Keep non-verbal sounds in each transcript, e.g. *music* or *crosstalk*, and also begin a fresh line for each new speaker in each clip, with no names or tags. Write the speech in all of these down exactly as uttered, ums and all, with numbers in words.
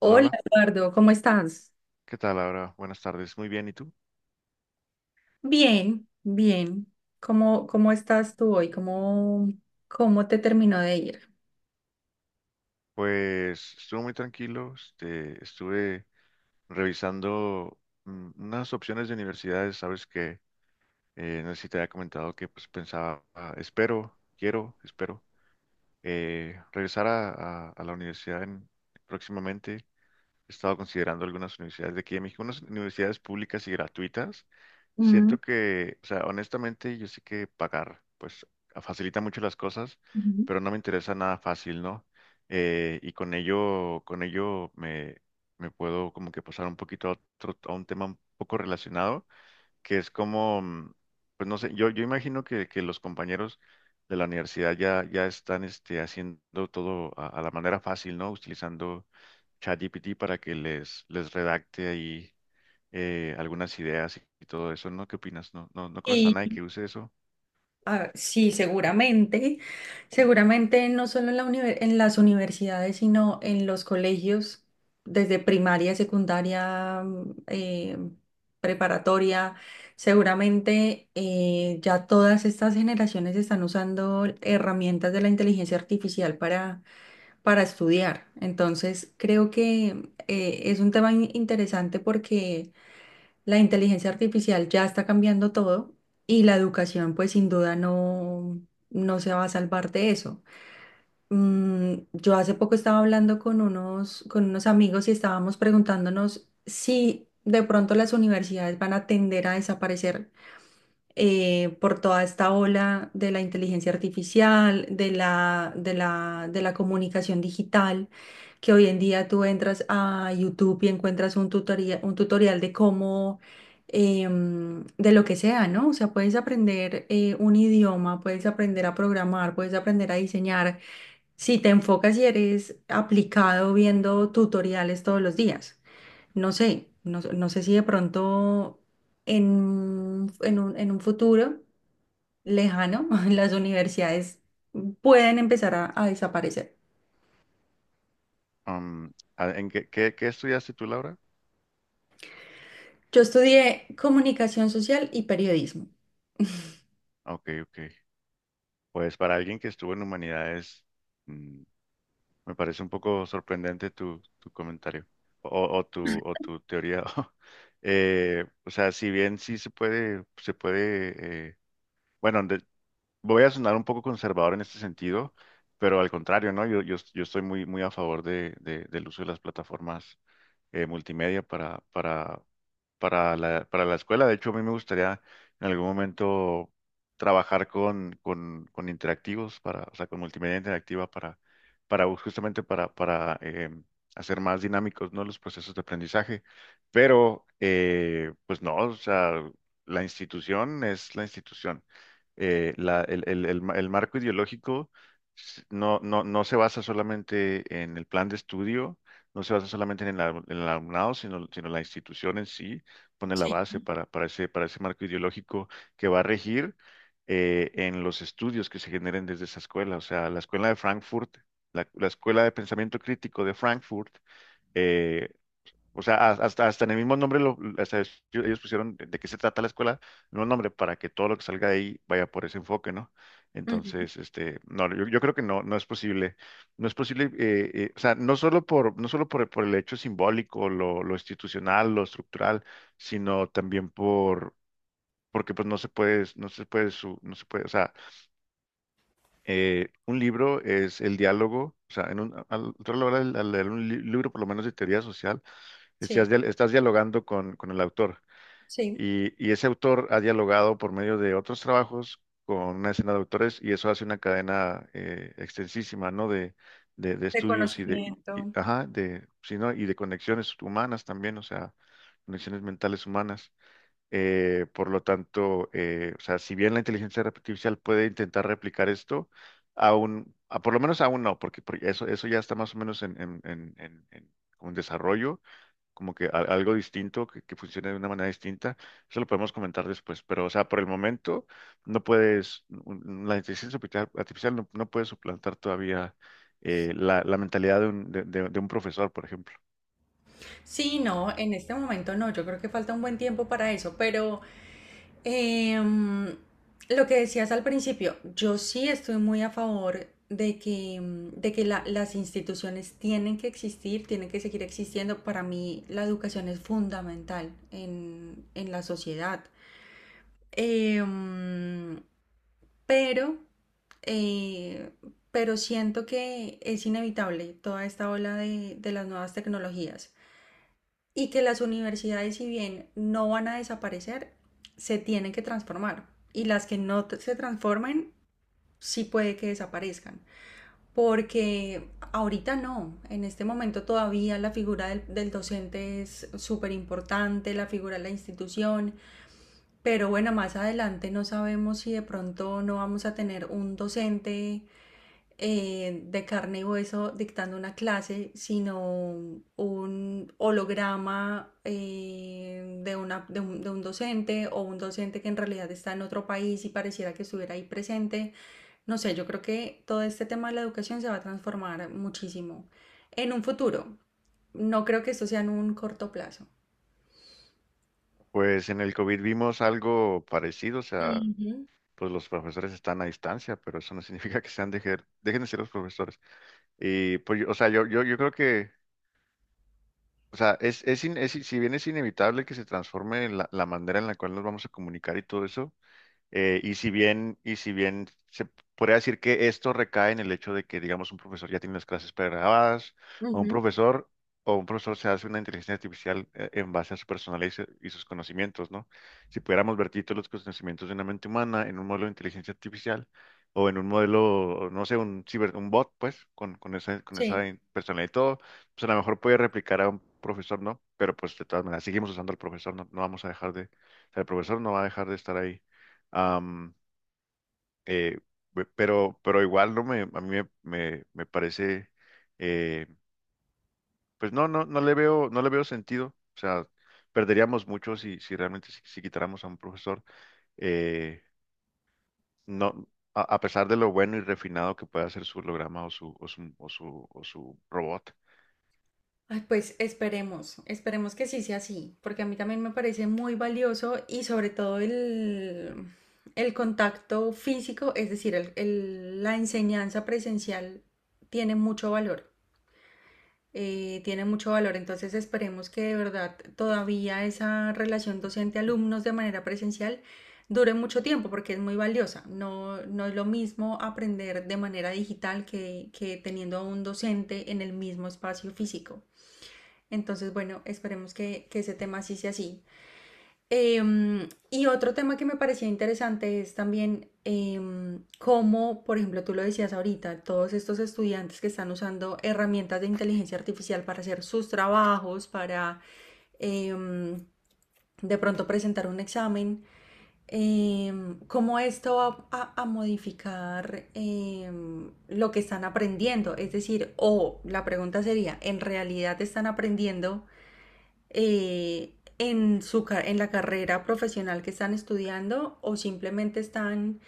Hola,
Hola
hola.
Eduardo, ¿cómo estás?
¿Qué tal, Laura? Buenas tardes. Muy bien, ¿y tú?
Bien, bien. ¿Cómo, cómo estás tú hoy? ¿Cómo, cómo te terminó de ir?
Pues estuvo muy tranquilo. Este, estuve revisando mm, unas opciones de universidades. Sabes que eh, no sé si te había comentado que pues pensaba, ah, espero, quiero, espero eh, regresar a, a- a la universidad en- próximamente. He estado considerando algunas universidades de aquí de México, unas universidades públicas y gratuitas.
Mm,
Siento que, o sea, honestamente, yo sé que pagar, pues, facilita mucho las cosas,
ujú.
pero no me interesa nada fácil, ¿no? Eh, y con ello, con ello me, me puedo como que pasar un poquito a otro, a un tema un poco relacionado, que es como, mm, pues no sé, yo, yo imagino que, que los compañeros de la universidad ya, ya están este, haciendo todo a, a la manera fácil, ¿no? Utilizando ChatGPT para que les, les redacte ahí eh, algunas ideas y, y todo eso, ¿no? ¿Qué opinas? ¿No, no, no conoces a
Y,
nadie que use eso?
ah, sí, seguramente, seguramente no solo en la univer- en las universidades, sino en los colegios, desde primaria, secundaria, mm, eh, preparatoria, seguramente eh, ya todas estas generaciones están usando herramientas de la inteligencia artificial para para estudiar. Entonces, creo que eh, es un tema in- interesante porque la inteligencia artificial ya está cambiando todo y la educación, pues sin duda no, no se va a salvar de eso. Mm, yo hace poco estaba hablando con unos, con unos amigos y estábamos preguntándonos si de pronto las universidades van a tender a desaparecer eh, por toda esta ola de la inteligencia artificial, de la, de la, de la comunicación digital, que hoy en día tú entras a YouTube y encuentras un tutoria un tutorial de cómo, em, de lo que sea, ¿no? O sea, puedes aprender eh, un idioma, puedes aprender a programar, puedes aprender a diseñar, si te enfocas y eres aplicado viendo tutoriales todos los días. No sé, no, no sé si de pronto en, en un, en un futuro lejano *laughs* las universidades pueden empezar a, a desaparecer.
Am, ¿a- ¿en qué, qué, ¿qué estudiaste tú, Laura?
Yo estudié comunicación social y periodismo.
Ah, ok, ok. Pues para alguien que estuvo en humanidades, mm, me parece un poco sorprendente tu, tu comentario o, o tu, o tu teoría. *laughs* Eh, o sea, si bien sí se puede, se puede, eh, bueno, de- voy a sonar un poco conservador en este sentido, pero al contrario, ¿no? Yo, yo, yo estoy muy, muy a favor de, de- del uso de las plataformas eh, multimedia para, para, para la, para la escuela. De hecho, a mí me gustaría en algún momento trabajar con, con, con interactivos, para, o sea, con multimedia interactiva para, para justamente para, para eh, hacer más dinámicos, ¿no?, los procesos de aprendizaje. Pero, eh, pues no, o sea, la institución es la institución. Eh, la, el, el, el, ma- El marco ideológico s- no, no, no se basa solamente en el plan de estudio, no se basa solamente en el, al- en el alumnado, sino, sino la institución en sí pone la base para, para ese, para ese marco ideológico que va a regir eh, en los estudios que se generen desde esa escuela. O sea, la escuela de Frankfurt, la, la escuela de pensamiento crítico de Frankfurt, eh, o sea, ha- hasta, hasta en el mismo nombre, lo, hasta es- ellos pusieron de de qué se trata la escuela, no el nombre, para que todo lo que salga de ahí vaya por ese enfoque, ¿no?
Ujú.
Entonces, este, no, yo, yo creo que no, no es posible, no es posible, eh, eh, o sea, no solo por, no solo por, por el hecho simbólico, lo, lo institucional, lo estructural, sino también por, porque pues no se puede, no se puede, su- no se puede, o sea, eh, un libro es el diálogo, o sea, en un, al, tú a la hora de- al leer un li- libro, por lo menos de teoría social, estás,
Sí,
dia- estás dialogando con, con el autor,
sí,
y, y ese autor ha dialogado por medio de otros trabajos con una escena de autores y eso hace una cadena eh, extensísima, ¿no? De, de, de estudios y de, y- y-
reconocimiento.
ajá, de, sí, ¿no? Y de conexiones humanas también, o sea, conexiones mentales humanas. Eh, por lo tanto, eh, o sea, si bien la inteligencia artificial puede intentar replicar esto, aún, a- por lo menos aún no, porque, porque eso, eso ya está más o menos en, en, en, en- en- como en desarrollo, como que a- algo distinto, que, que funcione de una manera distinta. Eso lo podemos comentar después, pero, o sea, por el momento, no puedes, un- la inteligencia artificial, artificial no, no puede suplantar todavía eh, la, la mentalidad de un, de de- de un profesor, por ejemplo.
Sí, no, en este momento no, yo creo que falta un buen tiempo para eso, pero. Em, lo que decías al principio, yo sí estoy muy a favor de que, em, de que la- las instituciones tienen que existir, tienen que seguir existiendo. Para mí la educación es fundamental en, en la sociedad. Em, pero, eh, pero siento que es inevitable toda esta ola de de las nuevas tecnologías y que las universidades, si bien no van a desaparecer, se tienen que transformar. Y las que no se transformen, sí puede que desaparezcan. Porque ahorita no, en este momento todavía la figura del, del docente es súper importante, la figura de la institución, pero bueno, más adelante no sabemos si de pronto no vamos a tener un docente eh, de carne y hueso dictando una clase, sino un holograma eh, de una, de un, de un docente o un docente que en realidad está en otro país y pareciera que estuviera ahí presente. No sé, yo creo que todo este tema de la educación se va a transformar muchísimo en un futuro. No creo que esto sea en un corto plazo.
Pues en el COVID vimos algo parecido, o sea,
Ujú,
pues los profesores están a distancia, pero eso no significa que sean dejer- dejen de ser los profesores. Y pues, yo- o sea, yo, yo, yo creo que, o sea, es, es, in- es- si bien es inevitable que se transforme la, la manera en la cual nos vamos a comunicar y todo eso, eh, y si bien, y si bien se podría decir que esto recae en el hecho de que, digamos, un profesor ya tiene las clases pregrabadas, o un
ujú,
profesor, o un profesor se hace una inteligencia artificial eh, en base a su personalidad y, su- y sus conocimientos, ¿no? Si pudiéramos vertir todos los conocimientos de una mente humana en un modelo de inteligencia artificial, o en un modelo, no sé, un ciber, un bot, pues, con, con esa, con esa
sí.
in- personalidad y todo, pues a lo mejor puede replicar a un profesor, ¿no? Pero pues de todas maneras, seguimos usando al profesor, no, no vamos a dejar de, o sea, el profesor no va a dejar de estar ahí. Am, eh, pe- pero, pero igual no me, a mí me, me, me parece, eh, pues no, no, no le veo, no le veo sentido. O sea, perderíamos mucho si, si realmente si, si quitáramos a un profesor. eh, no, a, a pesar de lo bueno y refinado que pueda ser su holograma o su, o su, o su, o su robot.
Ay, pues esperemos, esperemos que sí sea así, porque a mí también me parece muy valioso y sobre todo el, el contacto físico, es decir, el- el- la enseñanza presencial tiene mucho valor, eh, tiene mucho valor, entonces esperemos que de verdad todavía esa relación docente-alumnos de manera presencial dure mucho tiempo, porque es muy valiosa, no, no es lo mismo aprender de manera digital que, que teniendo a un docente en el mismo espacio físico. Entonces, bueno, esperemos que, que ese tema sí sea así. Eh, y otro tema que me parecía interesante es también eh, cómo, por ejemplo, tú lo decías ahorita, todos estos estudiantes que están usando herramientas de inteligencia artificial para hacer sus trabajos, para eh, de pronto presentar un examen, eh, cómo esto va a, a modificar eh, lo que están aprendiendo. Es decir, o oh, la pregunta sería, ¿en realidad están aprendiendo? eh, en su, ca- en la carrera profesional que están estudiando o simplemente están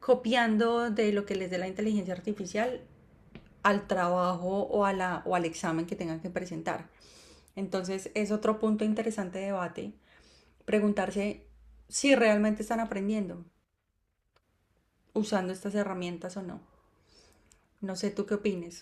copiando de lo que les dé la inteligencia artificial al trabajo o, a la, o al examen que tengan que presentar. Entonces es otro punto interesante de debate, preguntarse si realmente están aprendiendo usando estas herramientas o no. No sé tú qué opines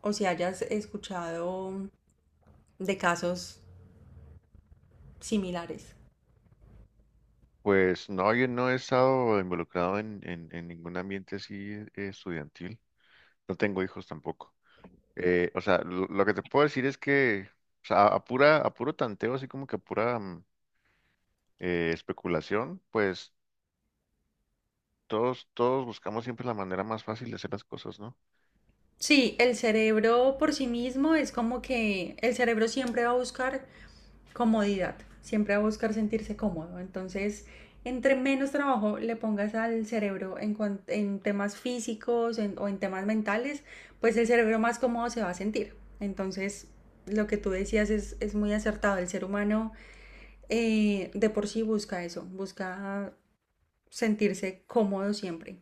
o si hayas escuchado de casos similares.
Pues no, yo no he estado involucrado en, en, en ningún ambiente así eh, estudiantil. No tengo hijos tampoco. Eh, o sea, lo, lo que te puedo decir es que, o sea, a, a pura, a puro tanteo, así como que a pura mm, eh, especulación, pues todos, todos buscamos siempre la manera más fácil de hacer las cosas, ¿no?
Sí, el cerebro por sí mismo es como que el cerebro siempre va a buscar comodidad, siempre va a buscar sentirse cómodo. Entonces, entre menos trabajo le pongas al cerebro en, cuan- en temas físicos en- o en temas mentales, pues el cerebro más cómodo se va a sentir. Entonces, lo que tú decías es, es muy acertado. El ser humano eh, de por sí busca eso, busca sentirse cómodo siempre.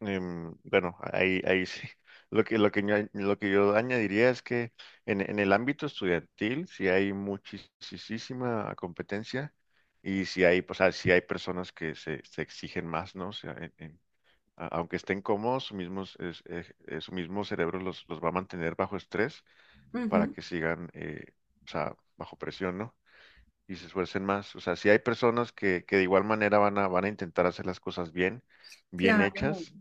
Em, bueno, ahí, ahí sí. *laughs* Lo que, lo que yo, lo que yo añadiría es que en, en el ámbito estudiantil sí hay muchísima competencia y si hay, pues, ah, sí hay personas que se, se exigen más, ¿no? O sea, en, en- a- aunque estén cómodos, su mismo, es- es- es- eh, su mismo cerebro los, los va a mantener bajo estrés para
Ujú,
que sigan, eh, o sea, bajo presión, ¿no? Y se esfuercen más. O sea, si hay personas que, que de igual manera van a, van a intentar hacer las cosas bien, bien
claro.
hechas,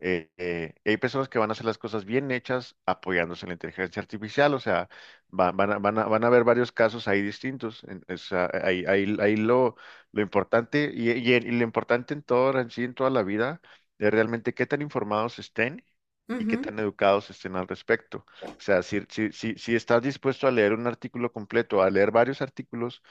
eh, eh, hay personas que van a hacer las cosas bien hechas apoyándose en la inteligencia artificial, o sea, va- van, a, van a- van a haber varios casos ahí distintos. En- o sea, ahí, ahí- ahí lo, lo importante y, y en- y lo importante en todo, en sí, en toda la vida, es realmente qué tan informados estén y qué
Ujú,
tan educados estén al respecto. O sea, si, si, si, si estás dispuesto a leer un artículo completo, a leer varios artículos,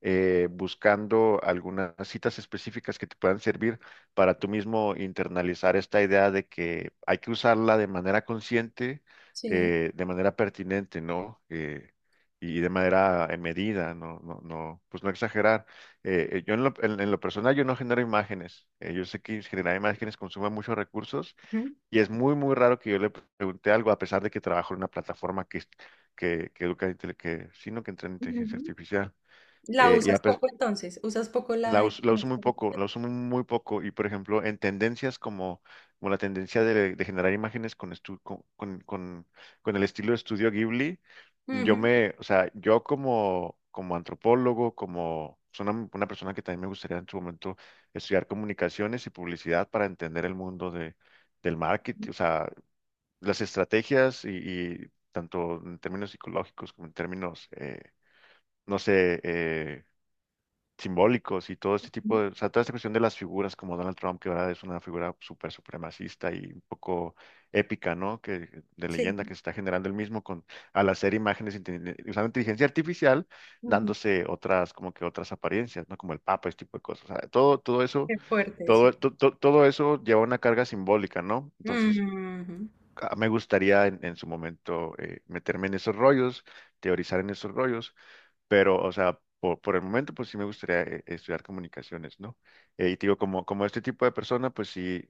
eh, buscando algunas citas específicas que te puedan servir para tú mismo internalizar esta idea de que hay que usarla de manera consciente,
sí.
eh, de manera pertinente, ¿no? Eh, y de manera eh, medida, no, no, no, pues no exagerar. Eh, eh, yo en lo, en- en lo personal yo no genero imágenes. Eh, yo sé que generar imágenes consume muchos recursos
Ujú,
y es muy, muy raro que yo le pregunte algo, a pesar de que trabajo en una plataforma que, que, que educa, intele- que, sino que entrena inteligencia
ujú.
artificial.
La
Eh, y,
usas
a,
poco entonces, usas poco
la
la
uso, la uso
inteligencia
muy poco,
artificial.
la uso muy, muy poco. Y por ejemplo, en tendencias como, como la tendencia de, de generar imágenes con, estu- con, con, con- con el estilo de estudio Ghibli, yo
Ujú,
me, o sea, yo como, como antropólogo, como soy una, una persona que también me gustaría en su momento estudiar comunicaciones y publicidad para entender el mundo de, del marketing, o sea, las estrategias y, y tanto en términos psicológicos como en términos, eh, no sé, eh, simbólicos y todo este
ujú,
tipo de, o sea, toda esta cuestión de las figuras como Donald Trump, que ahora es una figura súper supremacista y un poco épica, ¿no? Que, de leyenda
sí,
que se está generando el mismo con, al hacer imágenes inteligen- usando inteligencia artificial,
ujú,
dándose otras, como que otras apariencias, ¿no? Como el Papa, este tipo de cosas. O sea, todo, todo eso,
qué fuerte, sí.
todo, to- to- todo eso lleva una carga simbólica, ¿no? Entonces,
Ujú,
a- me gustaría en, en su momento eh, meterme en esos rollos, teorizar en esos rollos, pero, o sea, por, por el momento, pues sí me gustaría eh, estudiar comunicaciones, ¿no? Eh, y te digo, como, como este tipo de persona, pues sí,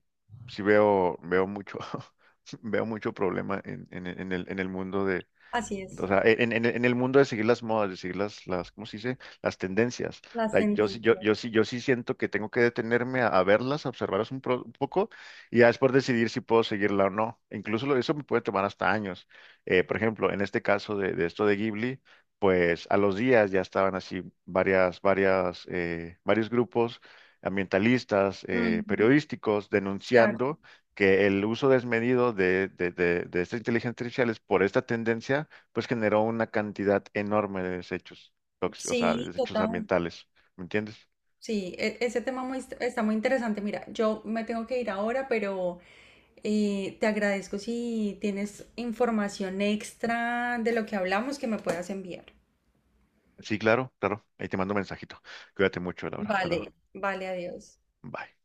sí veo, veo mucho, *laughs* veo mucho problema en, en, en el, en el mundo,
así es,
o sea, e, en, en- en el mundo de seguir las modas, de seguir las, las, ¿cómo se dice? Las tendencias.
las
O sea, yo, sí- yo,
tendencias.
yo sí, yo sí siento que tengo que detenerme a, a verlas, a observarlas un, pro- un poco y ya después decidir si puedo seguirla o no. Incluso lo- eso me puede tomar hasta años. Eh, por ejemplo, en este caso de, de esto de Ghibli, pues a los días ya estaban así varias, varias, eh, varios grupos ambientalistas, eh,
Ujú,
periodísticos,
claro,
denunciando que el uso desmedido de, de, de, de esta inteligencia artificial es por esta tendencia, pues generó una cantidad enorme de desechos tóxicos, o sea, de
sí,
desechos
total.
ambientales. ¿Me entiendes?
Sí, e- ese tema muy, est- está muy interesante. Mira, yo me tengo que ir ahora, pero eh, te agradezco si tienes información extra de lo que hablamos que me puedas enviar.
Sí, claro, claro. Ahí te mando un mensajito. Cuídate mucho, Laura. Hasta
Vale,
luego.
vale, adiós.
Bye.